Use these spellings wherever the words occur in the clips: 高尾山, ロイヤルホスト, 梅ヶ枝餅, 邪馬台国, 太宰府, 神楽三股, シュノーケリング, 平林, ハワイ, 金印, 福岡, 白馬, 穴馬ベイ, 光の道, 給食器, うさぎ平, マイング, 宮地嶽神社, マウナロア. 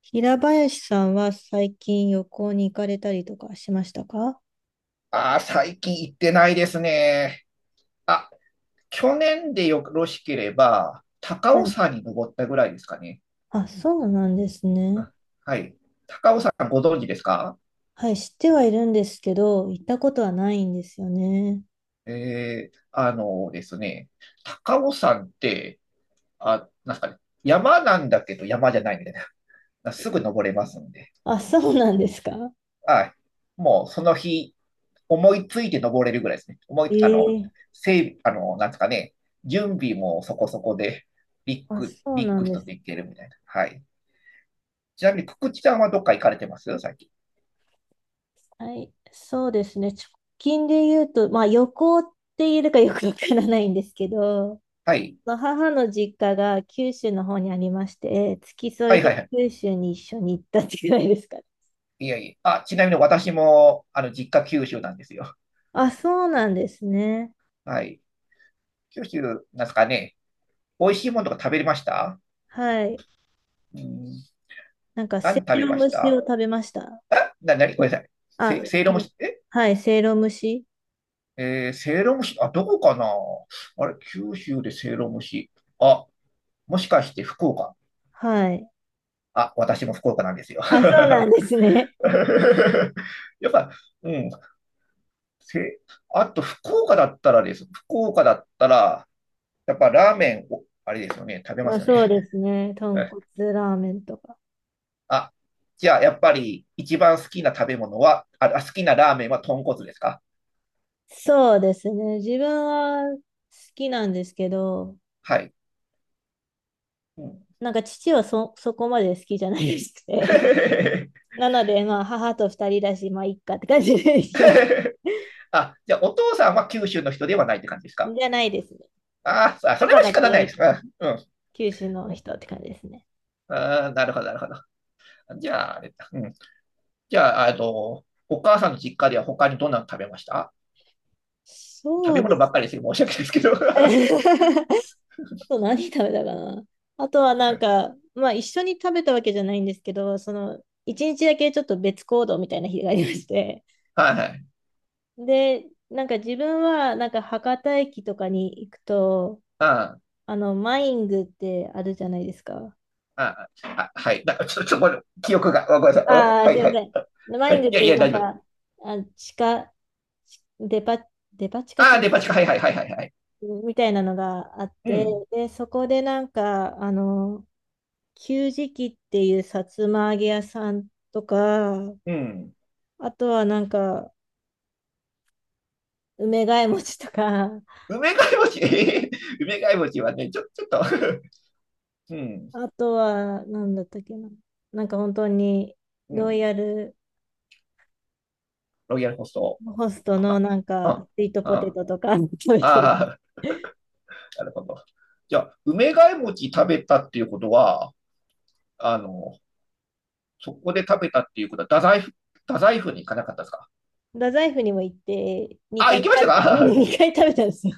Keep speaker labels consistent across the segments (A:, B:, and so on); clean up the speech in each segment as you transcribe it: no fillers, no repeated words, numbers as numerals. A: 平林さんは最近旅行に行かれたりとかしましたか？
B: ああ、最近行ってないですね。あ、去年でよろしければ、高
A: は
B: 尾
A: い。
B: 山に登ったぐらいですかね。
A: あ、そうなんですね。
B: あはい。高尾山ご存知ですか？
A: はい、知ってはいるんですけど、行ったことはないんですよね。
B: あのですね、高尾山って、あ、なんすかね、山なんだけど山じゃないみたいな。すぐ登れますんで。
A: あ、そうなんですか？
B: はい。もうその日、思いついて登れるぐらいですね。思い、あの、
A: ええ、
B: 整備、あの、なんですかね、準備もそこそこで、ビッ
A: あ、
B: グ、
A: そう
B: ビッ
A: な
B: グ
A: んで
B: 人
A: す。
B: で行けるみたいな。はい。ちなみに、くくちさんはどっか行かれてます最近？
A: はい、そうですね。直近で言うと、まあ旅行って言えるかよくわからないんですけど、
B: はい。
A: まあ母の実家が九州の方にありまして、付き
B: は
A: 添い
B: い
A: で
B: はいはい。
A: 九州に一緒に行ったってぐらいですかね。
B: いやいや。ちなみに私も、実家九州なんですよ。
A: あ、そうなんですね。
B: はい。九州、なんですかね。美味しいものとか食べれました？
A: はい。
B: うん。
A: なんか、
B: 何
A: せ
B: 食
A: い
B: べ
A: ろ
B: ま
A: 蒸
B: し
A: しを
B: た？
A: 食べました。
B: なに、ごめんなさい。
A: あ、
B: せ、せいろ
A: う
B: 蒸
A: ん、
B: し、え
A: はい、せいろ蒸し。
B: えー、せいろ蒸し、どこかな？あれ、九州でせいろ蒸し。あ、もしかして福岡？
A: はい。
B: 私も福岡なんですよ。
A: あ、そうなんですね。
B: やっぱ、うん。せ、あと福岡だったらです。福岡だったら、やっぱラーメンを、あれですよね、食べま
A: まあ、
B: すよね。
A: そうですね。豚骨 ラーメンとか。
B: あ、じゃあやっぱり一番好きな食べ物は、好きなラーメンは豚骨ですか？
A: そうですね。自分は好きなんですけど、
B: はい。うん。
A: なんか父はそこまで好きじゃないですね。なので、まあ、母と二人だし、まあ、いっかって感じで行きます。
B: じゃあお父さんは九州の人ではないって感じです か？
A: じゃないですね。
B: あーあ、それ
A: 母
B: は
A: だ
B: 仕
A: け
B: 方ないです。うん。
A: 九州の
B: うん
A: 人って感じですね。
B: なるほど、なるほど。じゃあ、あれだ。うん。じゃあ、お母さんの実家では他にどんなの食べました？食
A: そ
B: べ
A: うで
B: 物ば
A: す。
B: っかりですよ。申し訳ないですけど。は
A: と何食べたかな。あとはなんか、まあ一緒に食べたわけじゃないんですけど、その一日だけちょっと別行動みたいな日がありまして。
B: いはい。
A: で、なんか自分はなんか博多駅とかに行くと、
B: ああ、
A: マイングってあるじゃないですか。
B: ああ、はい。ちょっと、ごめん、記憶が、ごめんなさい。うん
A: ああ、
B: は
A: す
B: い、
A: い
B: は
A: ませ
B: い。
A: ん。マ
B: は
A: イング
B: い、い
A: っ
B: や
A: て
B: い
A: いう
B: や、
A: なん
B: 大丈夫。
A: か、あ、地下、ちデパ、デパ地下っ
B: ああ、
A: て
B: デパ地下、はいはいはいはいはい。
A: みたいなのがあっ
B: う
A: て、
B: ん、
A: で、そこでなんか、給食器っていうさつま揚げ屋さんとか、
B: うん。
A: あとはなんか、梅ヶ枝
B: うん、
A: 餅とか、
B: 梅貝餅、梅貝餅はね、ちょっと うん、
A: あとは、なんだったっけな。なんか本当に、
B: う
A: ロイ
B: ん。
A: ヤル
B: ロイヤルホスト
A: ホスト
B: か
A: の
B: な。
A: なんか、
B: あ、
A: スイートポテ
B: あ、
A: トとか 食
B: あ
A: べてる。
B: あ、なるほど。じゃあ、梅貝餅食べたっていうことは、あの、そこで食べたっていうことは、太宰府に行かなかったですか？
A: 太宰府にも行って、2
B: 行
A: 回
B: きまし
A: 食
B: た
A: べた、
B: か？
A: 2回食べたんですよ。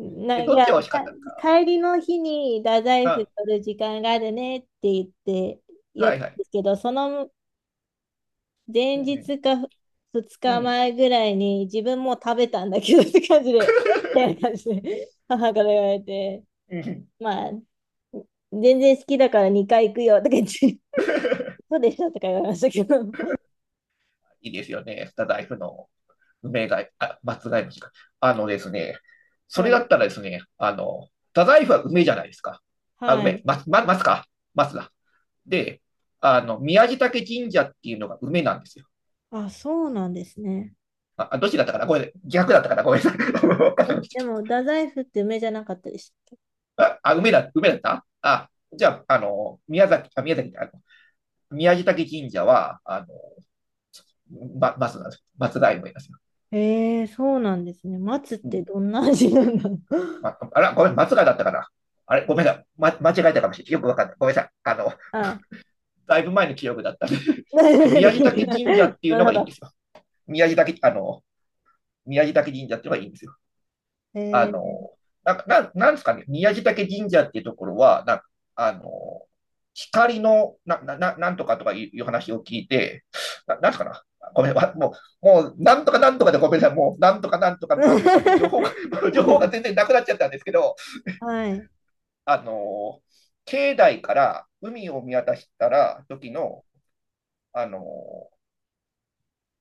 B: え、
A: い
B: どっ
A: や、
B: ちが美味しかったですか？
A: 帰りの日に太宰府
B: あ、
A: 取る時間があるねって言って、寄っ
B: は
A: た
B: い
A: ん
B: はい。
A: ですけど、その
B: う
A: 前
B: ん
A: 日か2
B: うん。
A: 日前ぐらいに自分もう食べたんだけどって感じで、え みたいな感じで母から言われて、まあ、全然好きだから2回行くよとか言って、そうでしたとか言われましたけど、
B: いいですよね。スタダイフの梅貝、名あ、松外虫か。あのですね、そ
A: そう
B: れ
A: で
B: だったら
A: す。
B: ですね、スタダイフは梅じゃないですか。あ、
A: は
B: 梅、
A: い。
B: 松、松か。松だ。で、宮地嶽神社っていうのが梅なんですよ。
A: あ、そうなんですね。
B: どっちだったかな、これ逆だったかな、ごめんなさい。
A: え、でも、太宰府って梅じゃなかったでしたっ
B: 梅だ、梅だったあ、じゃあ、宮崎、宮崎、宮地嶽神社は、松なんですよ。松代梅ですよ。
A: け？えー、そうなんですね。松っ
B: う
A: て
B: ん、
A: どんな味なんだろう。
B: ああら、ごめん、松川だったかな。あれ、ごめんな、間違えたかもしれない。よくわかんない。ごめんなさい。
A: あ、
B: だいぶ前の記憶だったんで。で、宮城
A: な
B: 岳神社っ
A: る
B: ていうの
A: ほ
B: がいいんで
A: ど。
B: すよ。宮地岳、あの、宮地岳神社っていうのがいいんですよ。あ
A: え
B: の、
A: ー、
B: なんか、なんなんですかね、宮城岳神社っていうところは、なんか、あの、光の、ななんとかとかいう話を聞いて、なんすかな。ごめん、わもう、もう、なんとかなんとかでごめんなさい。もう、なんとかなんとか なんとかって情報が、情報が全然なくなっちゃったんですけど、
A: はい。
B: あの、境内から海を見渡したら、時の、あの、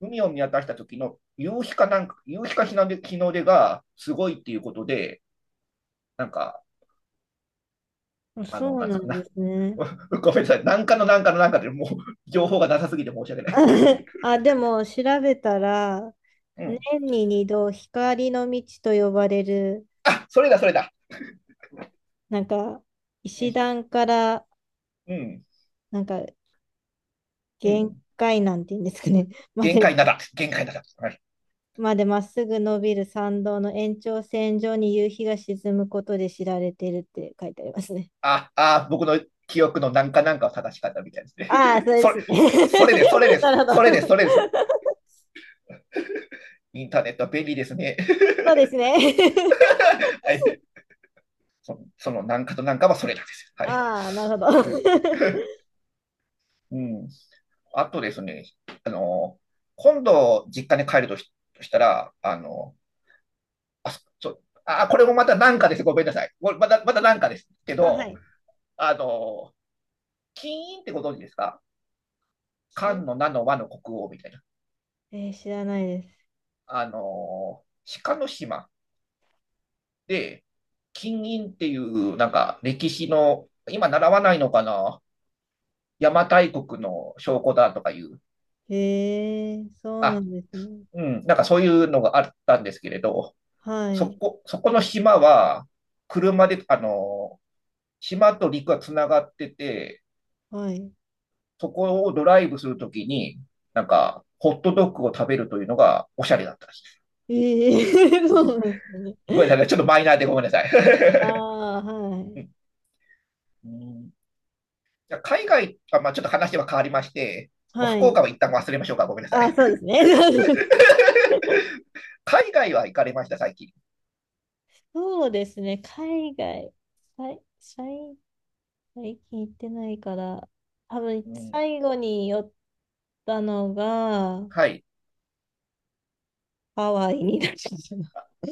B: 海を見渡した時の夕日かなんか、夕日か日の出、日の出がすごいっていうことで、なんか、
A: あ、そう
B: なんで
A: な
B: すか
A: んで
B: な。
A: すね。
B: ごめんなさい。なんかのなんかのなんかでもう情報がなさすぎて申し訳ない。
A: あ、でも調べたら、
B: う
A: 年
B: ん。
A: に二度光の道と呼ばれる、
B: それだ、それだ。
A: なんか、
B: う
A: 石
B: ん、
A: 段から、
B: うん、
A: なんか、
B: う
A: 限
B: ん。
A: 界なんていうんですかね、ま
B: 限
A: で、
B: 界なだ。限界なだ。はい。
A: までまっすぐ伸びる参道の延長線上に夕日が沈むことで知られてるって書いてありますね。
B: 僕の記憶のなんかなんかを正しかったみたいです ね。
A: ああ、そ れで
B: それ、
A: すね。
B: それです、それで す、
A: なるほ
B: それ
A: ど。
B: です、そ れです。インターネットは便利ですね。
A: そうですね。
B: はい、そのなんかとなんかはそれなんです、 はい。
A: ああ、なるほど。
B: うん。あとですね、あの、今度実家に帰るとしたら、あ、そう、これもまたなんかです。ごめんなさい。これまた、またなんかですけ
A: あ、は
B: ど、
A: い。
B: あの、金印ってご存知ですか？漢
A: き
B: の名の和の国王みたいな。
A: えー、知らないです。
B: あの、鹿の島で、金印っていう、なんか歴史の、今習わないのかな？邪馬台国の証拠だとかいう、
A: へえ、そうな
B: あ、
A: んですね。
B: うん、なんかそういうのがあったんですけれど、
A: は
B: そ
A: い、
B: こ、そこの島は、車で、島と陸がつながってて、
A: はい。
B: そこをドライブするときに、なんか、ホットドッグを食べるというのがおしゃれだったんです。
A: ええ、 そうなんですね。
B: ごめんなさい、ちょっとマイナーでごめんなさい。
A: ああ、は
B: う
A: い。
B: んうん、じゃあ海外、まあ、ちょっと話は変わりまして、もう
A: は
B: 福岡
A: い。
B: は一旦忘れましょうか、ごめんなさ
A: あ
B: い。
A: あ、そうですね。そうです
B: 海外は行かれました、最近？
A: ね。海外、さい、最最近行ってないから、多
B: う
A: 分
B: ん、
A: 最後に寄ったのが、
B: はい。
A: ハワイになっちゃったな。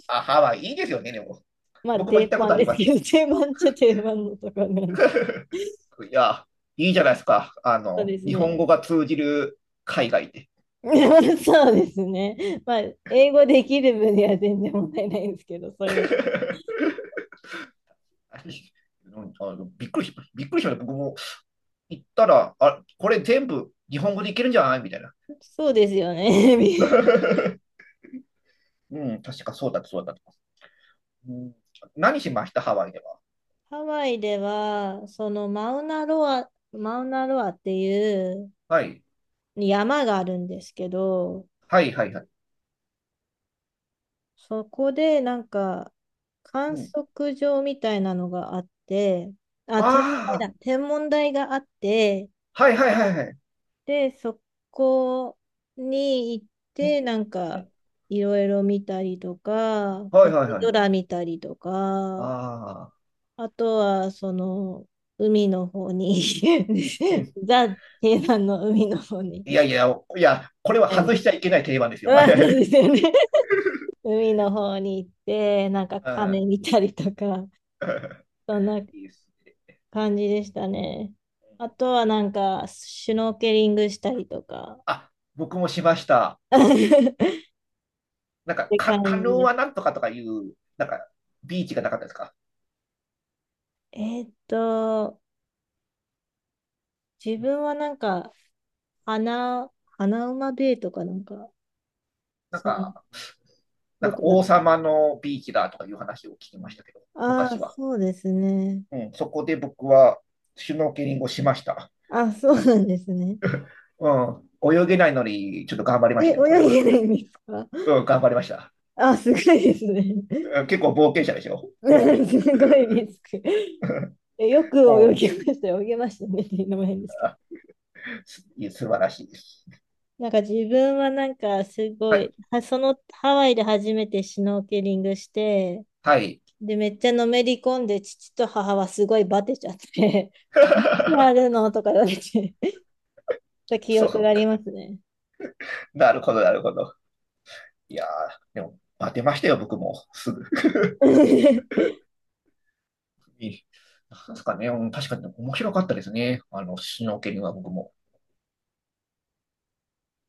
B: ハワイ、いいですよね、でも。
A: まあ、
B: 僕も行
A: 定
B: ったこと
A: 番
B: あ
A: で
B: り
A: す
B: ま
A: けど、
B: す。
A: 定番っちゃ定番のところなの。
B: いや、いいじゃないですか。
A: そうです
B: 日本
A: ね。
B: 語が通じる海外で。
A: そうですね。まあ、英語できる分には全然問題ないんですけど、そういう。
B: びっくりしました。僕も行ったら、これ全部日本語でいけるんじゃないみたいな。
A: そうですよね。
B: うん、確かそうだったそうだった。うん、何しましたハワイでは？
A: ハワイでは、そのマウナロアっていう
B: はい。
A: 山があるんですけど、
B: はいはいはい。
A: そこでなんか観
B: うん。
A: 測場みたいなのがあって、あ、天文台
B: あ
A: だ、天文台があって、
B: あ、はいはいはいはい。
A: で、そこに行っ
B: う
A: て、
B: ん、
A: なん
B: う
A: か、
B: ん、
A: いろいろ見たりとか、
B: はい
A: 星
B: はいはい。
A: 空見たりとか、
B: ああ、
A: あとは、その、海の方に
B: う ん。
A: ザ・定番の海の方に。
B: いやいや、いや、これは
A: は
B: 外
A: い。
B: しちゃいけない定番ですよ。
A: ま
B: は
A: あ、
B: い
A: そう
B: はい。
A: ですよね。海の方に行って、なんか
B: うん
A: 鐘見たりとか、そんな
B: いいです
A: 感じでしたね。あと
B: ね。
A: はなんか、シュノーケリングしたりとか、
B: あ、僕もしました。
A: っ
B: なんか、
A: て感
B: カヌー
A: じです。
B: はなんとかとかいう、なんか、ビーチがなかったですか？
A: えーっと、自
B: うん。
A: 分はなんか、穴、穴馬ベイとかなんか、
B: なん
A: その、
B: か、なん
A: ど
B: か
A: こだ
B: 王
A: った？
B: 様のビーチだとかいう話を聞きましたけど、
A: ああー、
B: 昔は。
A: そうですね。
B: うん。そこで僕は、シュノーケリングをしました。
A: あ、そうなんですね。
B: うん。泳げないのに、ちょっと頑張りま
A: え、
B: したよ、それは。
A: 泳げないんですか？
B: うん、頑張りました。
A: あ、すごいですね。
B: うん、結構冒険者でしょ、も
A: すごいリスク。え、よ
B: う、
A: く
B: も
A: 泳
B: う、
A: ぎましたよ。泳げましたねっていうのも変ですけど。
B: あすいや、素晴らしいです。
A: なんか自分はなんかすご
B: は
A: い、
B: い。
A: そのハワイで初めてシュノーケリングして、
B: はい。
A: で、めっちゃのめり込んで、父と母はすごいバテちゃって、何やる のとか言われて、記
B: そ
A: 憶が
B: う
A: あり
B: か。
A: ますね。
B: なるほど、なるほど。いやー、でも、当てましたよ、僕も。すぐ。なんですかね、うん、確かに面白かったですね。シュノーケリングは僕も。